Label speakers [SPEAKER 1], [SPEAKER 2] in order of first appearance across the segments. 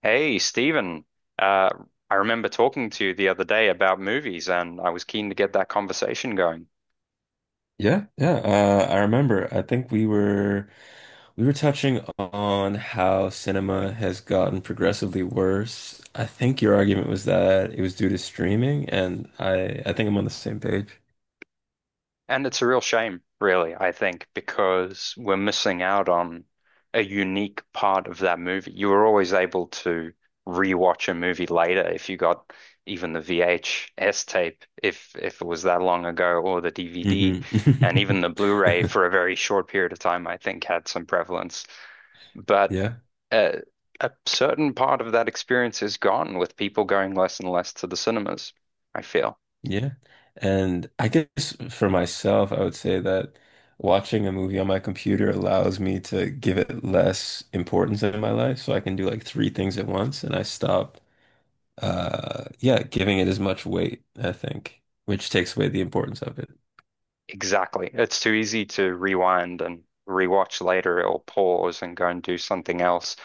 [SPEAKER 1] Hey, Stephen, uh, I remember talking to you the other day about movies, and I was keen to get that conversation going.
[SPEAKER 2] Yeah, yeah. I remember. I think we were touching on how cinema has gotten progressively worse. I think your argument was that it was due to streaming, and I think I'm on the same page.
[SPEAKER 1] And it's a real shame, really, I think, because we're missing out on a unique part of that movie. You were always able to rewatch a movie later if you got even the VHS tape, if it was that long ago, or the DVD,
[SPEAKER 2] Hmm.
[SPEAKER 1] and even the Blu-ray for a very short period of time, I think, had some prevalence. But
[SPEAKER 2] Yeah,
[SPEAKER 1] uh, a certain part of that experience is gone with people going less and less to the cinemas, I feel.
[SPEAKER 2] yeah. And I guess for myself, I would say that watching a movie on my computer allows me to give it less importance in my life, so I can do like three things at once, and I stop. Yeah, giving it as much weight, I think, which takes away the importance of it.
[SPEAKER 1] Exactly. It's too easy to rewind and rewatch later or pause and go and do something else,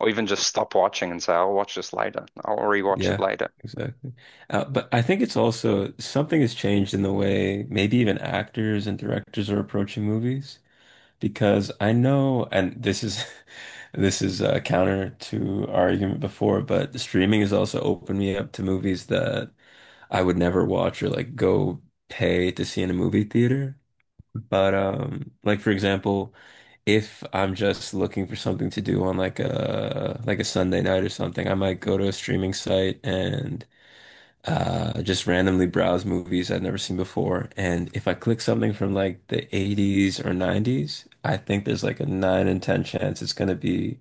[SPEAKER 1] or even just stop watching and say, I'll watch this later. I'll rewatch it
[SPEAKER 2] Yeah,
[SPEAKER 1] later.
[SPEAKER 2] exactly. But I think it's also something has changed in the way maybe even actors and directors are approaching movies because I know, and this is this is counter to our argument before, but streaming has also opened me up to movies that I would never watch or like go pay to see in a movie theater. But like for example, if I'm just looking for something to do on like a Sunday night or something, I might go to a streaming site and just randomly browse movies I've never seen before. And if I click something from like the 80s or 90s, I think there's like a nine in 10 chance it's going to be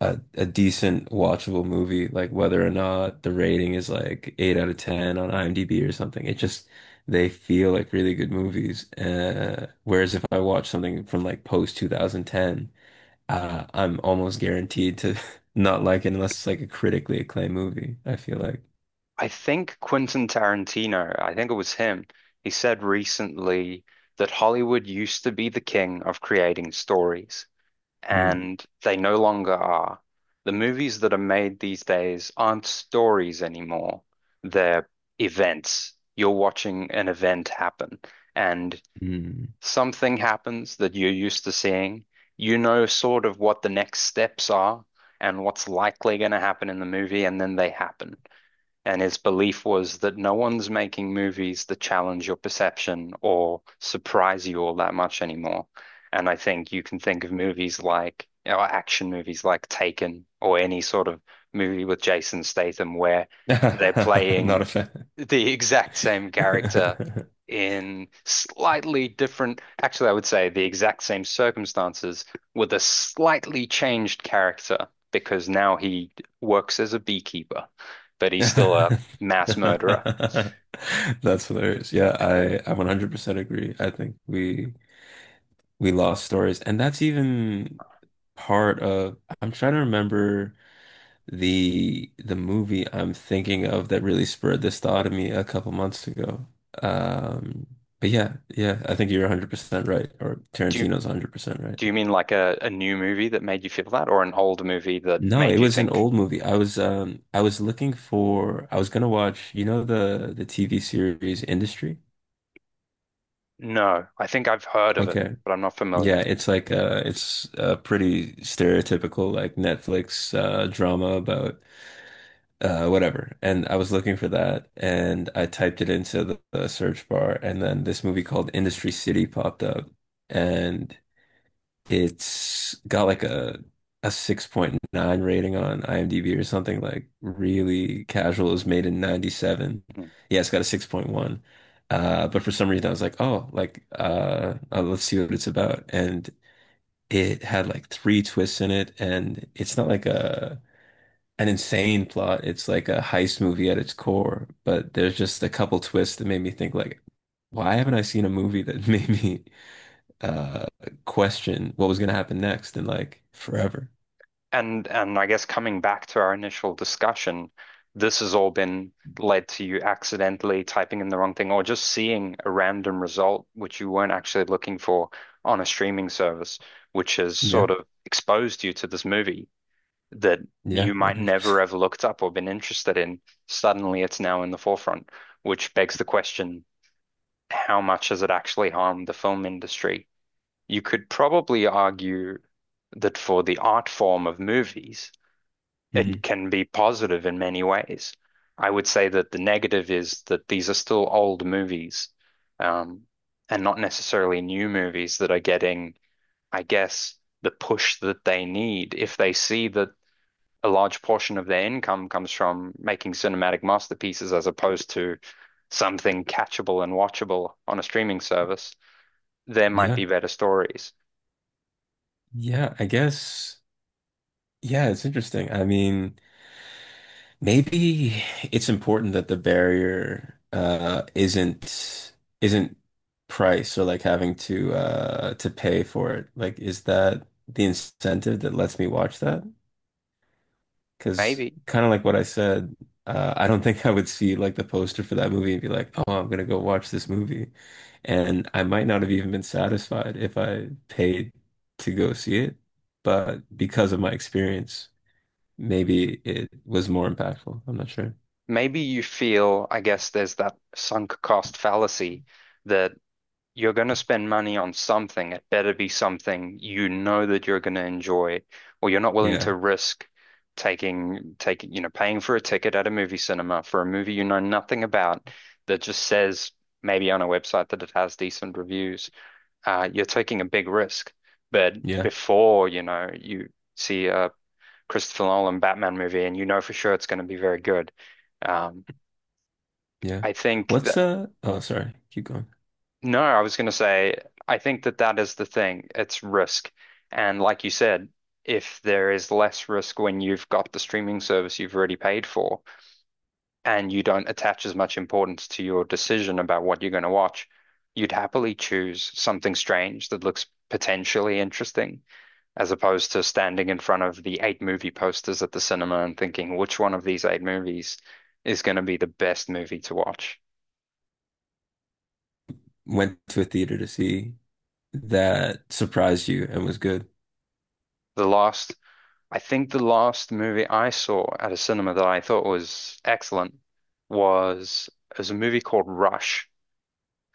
[SPEAKER 2] a decent watchable movie, like whether or not the rating is like eight out of 10 on IMDb or something. It just they feel like really good movies. Whereas if I watch something from like post 2010 I'm almost guaranteed to not like it unless it's like a critically acclaimed movie, I feel like.
[SPEAKER 1] I think Quentin Tarantino, I think it was him, he said recently that Hollywood used to be the king of creating stories,
[SPEAKER 2] Mm,
[SPEAKER 1] and they no longer are. The movies that are made these days aren't stories anymore. They're events. You're watching an event happen, and
[SPEAKER 2] mm.
[SPEAKER 1] something happens that you're used to seeing. You know sort of what the next steps are and what's likely going to happen in the movie, and then they happen. And his belief was that no one's making movies that challenge your perception or surprise you all that much anymore. And I think you can think of movies like, or action movies like Taken or any sort of movie with Jason Statham where they're playing
[SPEAKER 2] Not a fan.
[SPEAKER 1] the exact same character in slightly different, actually, I would say the exact same circumstances with a slightly changed character because now he works as a beekeeper, but he's still a
[SPEAKER 2] That's
[SPEAKER 1] mass murderer.
[SPEAKER 2] hilarious. Yeah, I 100% agree. I think we lost stories, and that's even part of. I'm trying to remember. The movie I'm thinking of that really spurred this thought of me a couple months ago. Um, but yeah, yeah, I think you're 100% right, or
[SPEAKER 1] Do you,
[SPEAKER 2] Tarantino's 100% right.
[SPEAKER 1] do you mean like a new movie that made you feel that, or an old movie that
[SPEAKER 2] No, it
[SPEAKER 1] made you
[SPEAKER 2] was an
[SPEAKER 1] think,
[SPEAKER 2] old movie. I was looking for I was gonna watch, you know the TV series Industry?
[SPEAKER 1] no, I think I've heard of it,
[SPEAKER 2] Okay.
[SPEAKER 1] but I'm not
[SPEAKER 2] Yeah,
[SPEAKER 1] familiar?
[SPEAKER 2] it's like it's a pretty stereotypical like Netflix drama about whatever. And I was looking for that, and I typed it into the search bar, and then this movie called Industry City popped up, and it's got like a 6.9 rating on IMDb or something like really casual. It was made in 97.
[SPEAKER 1] Hmm.
[SPEAKER 2] Yeah, it's got a 6.1. But for some reason, I was like, oh, like, let's see what it's about. And it had like three twists in it. And it's not like a an insane plot. It's like a heist movie at its core, but there's just a couple twists that made me think like, why haven't I seen a movie that made me uh question what was gonna happen next in like forever?
[SPEAKER 1] And I guess coming back to our initial discussion, this has all been led to you accidentally typing in the wrong thing or just seeing a random result which you weren't actually looking for on a streaming service, which has
[SPEAKER 2] Yeah,
[SPEAKER 1] sort of exposed you to this movie that you
[SPEAKER 2] yeah,
[SPEAKER 1] might never
[SPEAKER 2] 100%.
[SPEAKER 1] have looked up or been interested in. Suddenly it's now in the forefront, which begs the question, how much has it actually harmed the film industry? You could probably argue that for the art form of movies, it
[SPEAKER 2] Mhm.
[SPEAKER 1] can be positive in many ways. I would say that the negative is that these are still old movies, um, and not necessarily new movies that are getting, I guess, the push that they need. If they see that a large portion of their income comes from making cinematic masterpieces as opposed to something catchable and watchable on a streaming service, there might
[SPEAKER 2] Yeah,
[SPEAKER 1] be better stories.
[SPEAKER 2] yeah, I guess. Yeah, it's interesting. I mean, maybe it's important that the barrier isn't price or like having to pay for it. Like is that the incentive that lets me watch that? Because
[SPEAKER 1] Maybe.
[SPEAKER 2] kind of like what I said, I don't think I would see like the poster for that movie and be like, "Oh, I'm gonna go watch this movie." And I might not have even been satisfied if I paid to go see it, but because of my experience, maybe it was more impactful. I'm not sure.
[SPEAKER 1] Maybe you feel, I guess, there's that sunk cost fallacy that you're going to spend money on something. It better be something you know that you're going to enjoy, or you're not willing to
[SPEAKER 2] Yeah.
[SPEAKER 1] risk taking you know paying for a ticket at a movie cinema for a movie you know nothing about that just says maybe on a website that it has decent reviews. You're taking a big risk. But
[SPEAKER 2] Yeah,
[SPEAKER 1] before you know you see a Christopher Nolan Batman movie and you know for sure it's going to be very good. Um,
[SPEAKER 2] yeah.
[SPEAKER 1] I think th
[SPEAKER 2] What's oh sorry, keep going.
[SPEAKER 1] No, I was going to say, I think that that is the thing. It's risk. And like you said, if there is less risk when you've got the streaming service you've already paid for and you don't attach as much importance to your decision about what you're going to watch, you'd happily choose something strange that looks potentially interesting as opposed to standing in front of the eight movie posters at the cinema and thinking which one of these eight movies is going to be the best movie to watch.
[SPEAKER 2] Went to a theater to see that surprised you and was good.
[SPEAKER 1] The last I think the last movie I saw at a cinema that I thought was excellent was is a movie called Rush,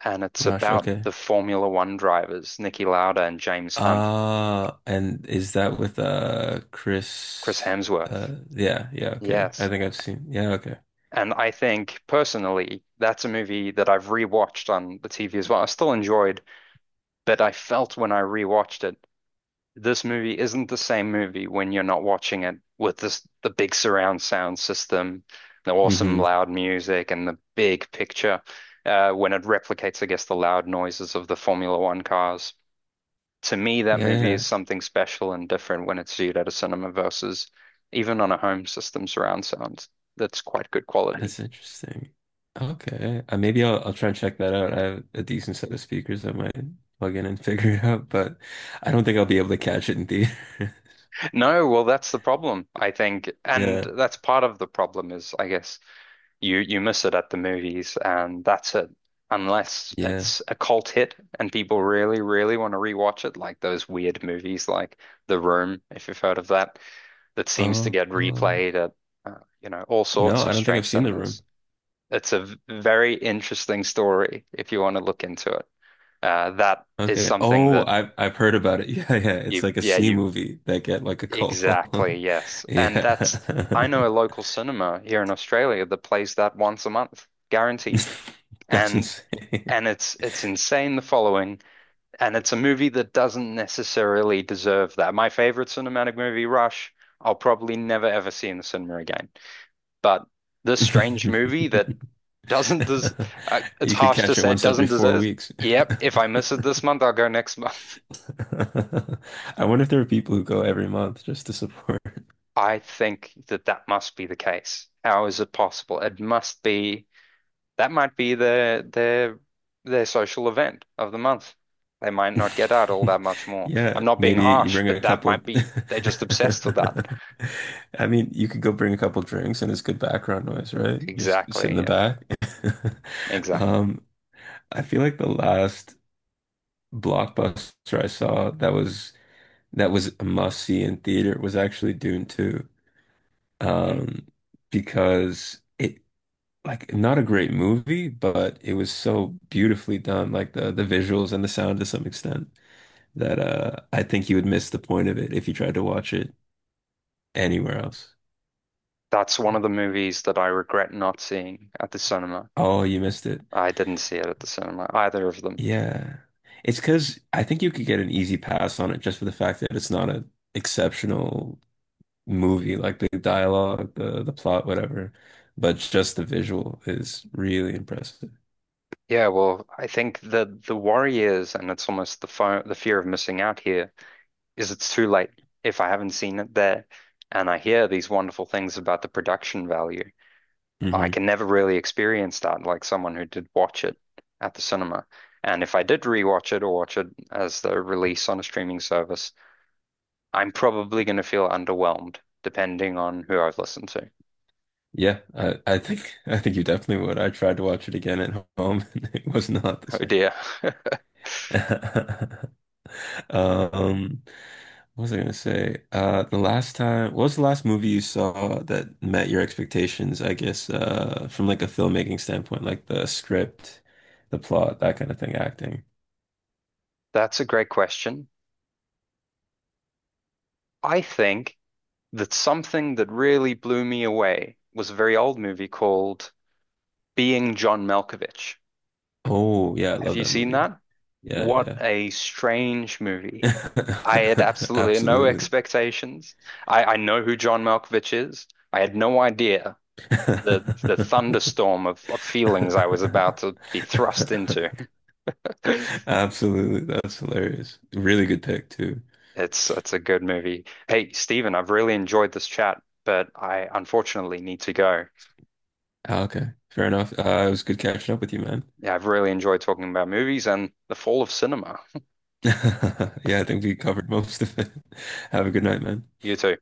[SPEAKER 1] and it's
[SPEAKER 2] Rush,
[SPEAKER 1] about
[SPEAKER 2] okay.
[SPEAKER 1] the Formula One drivers, Niki Lauda and James Hunt,
[SPEAKER 2] And is that with
[SPEAKER 1] Chris
[SPEAKER 2] Chris?
[SPEAKER 1] Hemsworth.
[SPEAKER 2] Yeah, yeah, okay. I
[SPEAKER 1] Yes.
[SPEAKER 2] think I've seen, yeah, okay.
[SPEAKER 1] And I think personally, that's a movie that I've rewatched on the TV as well. I still enjoyed, but I felt when I rewatched it this movie isn't the same movie when you're not watching it with this the big surround sound system, the awesome
[SPEAKER 2] Hmm.
[SPEAKER 1] loud music, and the big picture. When it replicates, I guess, the loud noises of the Formula One cars. To me, that
[SPEAKER 2] Yeah,
[SPEAKER 1] movie is
[SPEAKER 2] yeah.
[SPEAKER 1] something special and different when it's viewed at a cinema versus even on a home system surround sound. That's quite good quality.
[SPEAKER 2] That's interesting. Okay. Maybe I'll try and check that out. I have a decent set of speakers that might plug in and figure it out, but I don't think I'll be able to catch it in theater.
[SPEAKER 1] No, well, that's the problem, I think. And
[SPEAKER 2] Yeah.
[SPEAKER 1] that's part of the problem is, I guess, you miss it at the movies, and that's it. Unless
[SPEAKER 2] Yeah.
[SPEAKER 1] it's a cult hit and people really, really want to rewatch it, like those weird movies like The Room, if you've heard of that, that seems to
[SPEAKER 2] Oh.
[SPEAKER 1] get
[SPEAKER 2] Oh.
[SPEAKER 1] replayed at you know all
[SPEAKER 2] No,
[SPEAKER 1] sorts
[SPEAKER 2] I
[SPEAKER 1] of
[SPEAKER 2] don't think
[SPEAKER 1] strange
[SPEAKER 2] I've seen The Room.
[SPEAKER 1] cinemas. It's a very interesting story if you want to look into it. That is
[SPEAKER 2] Okay.
[SPEAKER 1] something
[SPEAKER 2] Oh,
[SPEAKER 1] that
[SPEAKER 2] I've heard about it. Yeah, yeah. It's
[SPEAKER 1] you,
[SPEAKER 2] like a
[SPEAKER 1] yeah,
[SPEAKER 2] C
[SPEAKER 1] you
[SPEAKER 2] movie that get like a cult
[SPEAKER 1] exactly,
[SPEAKER 2] following.
[SPEAKER 1] yes, and that's I know
[SPEAKER 2] Yeah.
[SPEAKER 1] a local cinema here in Australia that plays that once a month, guaranteed.
[SPEAKER 2] That's
[SPEAKER 1] And
[SPEAKER 2] insane.
[SPEAKER 1] and it's insane the following and it's a movie that doesn't necessarily deserve that. My favorite cinematic movie Rush I'll probably never ever see in the cinema again, but this strange movie that doesn't des it's
[SPEAKER 2] You could
[SPEAKER 1] harsh to
[SPEAKER 2] catch it
[SPEAKER 1] say it
[SPEAKER 2] once
[SPEAKER 1] doesn't
[SPEAKER 2] every four
[SPEAKER 1] deserve.
[SPEAKER 2] weeks.
[SPEAKER 1] Yep, if I miss it this month, I'll go next month.
[SPEAKER 2] I wonder if there are people who go every month just to support.
[SPEAKER 1] I think that that must be the case. How is it possible? It must be. That might be their social event of the month. They might not get out all that much more. I'm
[SPEAKER 2] Yeah,
[SPEAKER 1] not being
[SPEAKER 2] maybe you
[SPEAKER 1] harsh,
[SPEAKER 2] bring a
[SPEAKER 1] but that
[SPEAKER 2] couple.
[SPEAKER 1] might be they're just obsessed with that.
[SPEAKER 2] I mean, you could go bring a couple drinks and it's good background noise, right? You just sit in
[SPEAKER 1] Exactly,
[SPEAKER 2] the
[SPEAKER 1] yeah.
[SPEAKER 2] back.
[SPEAKER 1] Exactly.
[SPEAKER 2] Um, I feel like the last blockbuster I saw that was a must see in theater was actually Dune 2.
[SPEAKER 1] Mm.
[SPEAKER 2] Um, because it like not a great movie, but it was so beautifully done, like the visuals and the sound to some extent that I think you would miss the point of it if you tried to watch it anywhere else.
[SPEAKER 1] That's one of the movies that I regret not seeing at the cinema.
[SPEAKER 2] Oh, you missed it.
[SPEAKER 1] I didn't see it at the cinema, either of them.
[SPEAKER 2] Yeah. It's because I think you could get an easy pass on it just for the fact that it's not an exceptional movie, like the dialogue, the plot, whatever. But just the visual is really impressive.
[SPEAKER 1] Yeah, well, I think the worry is, and it's almost the fo the fear of missing out here, is it's too late if I haven't seen it there, and I hear these wonderful things about the production value. I
[SPEAKER 2] Hmm.
[SPEAKER 1] can never really experience that like someone who did watch it at the cinema. And if I did rewatch it or watch it as the release on a streaming service, I'm probably going to feel underwhelmed depending on who I've listened to.
[SPEAKER 2] Yeah, I think I think you definitely would. I tried to watch it again at home and it was not the
[SPEAKER 1] Oh
[SPEAKER 2] same.
[SPEAKER 1] dear.
[SPEAKER 2] Um, what was I gonna say? The last time, what was the last movie you saw that met your expectations, I guess, from like a filmmaking standpoint, like the script, the plot, that kind of thing, acting.
[SPEAKER 1] That's a great question. I think that something that really blew me away was a very old movie called Being John Malkovich.
[SPEAKER 2] Oh, yeah, I
[SPEAKER 1] Have
[SPEAKER 2] love
[SPEAKER 1] you
[SPEAKER 2] that
[SPEAKER 1] seen
[SPEAKER 2] movie.
[SPEAKER 1] that? What
[SPEAKER 2] Yeah,
[SPEAKER 1] a strange movie. I had
[SPEAKER 2] yeah.
[SPEAKER 1] absolutely no
[SPEAKER 2] Absolutely.
[SPEAKER 1] expectations. I know who John Malkovich is. I had no idea the thunderstorm of feelings I was about to be thrust into.
[SPEAKER 2] Absolutely. That's hilarious. Really good pick too.
[SPEAKER 1] It's a good movie. Hey, Stephen, I've really enjoyed this chat, but I unfortunately need to go.
[SPEAKER 2] Ah, okay, fair enough. It was good catching up with you, man.
[SPEAKER 1] Yeah, I've really enjoyed talking about movies and the fall of cinema.
[SPEAKER 2] Yeah, I think we covered most of it. Have a good night, man.
[SPEAKER 1] You too.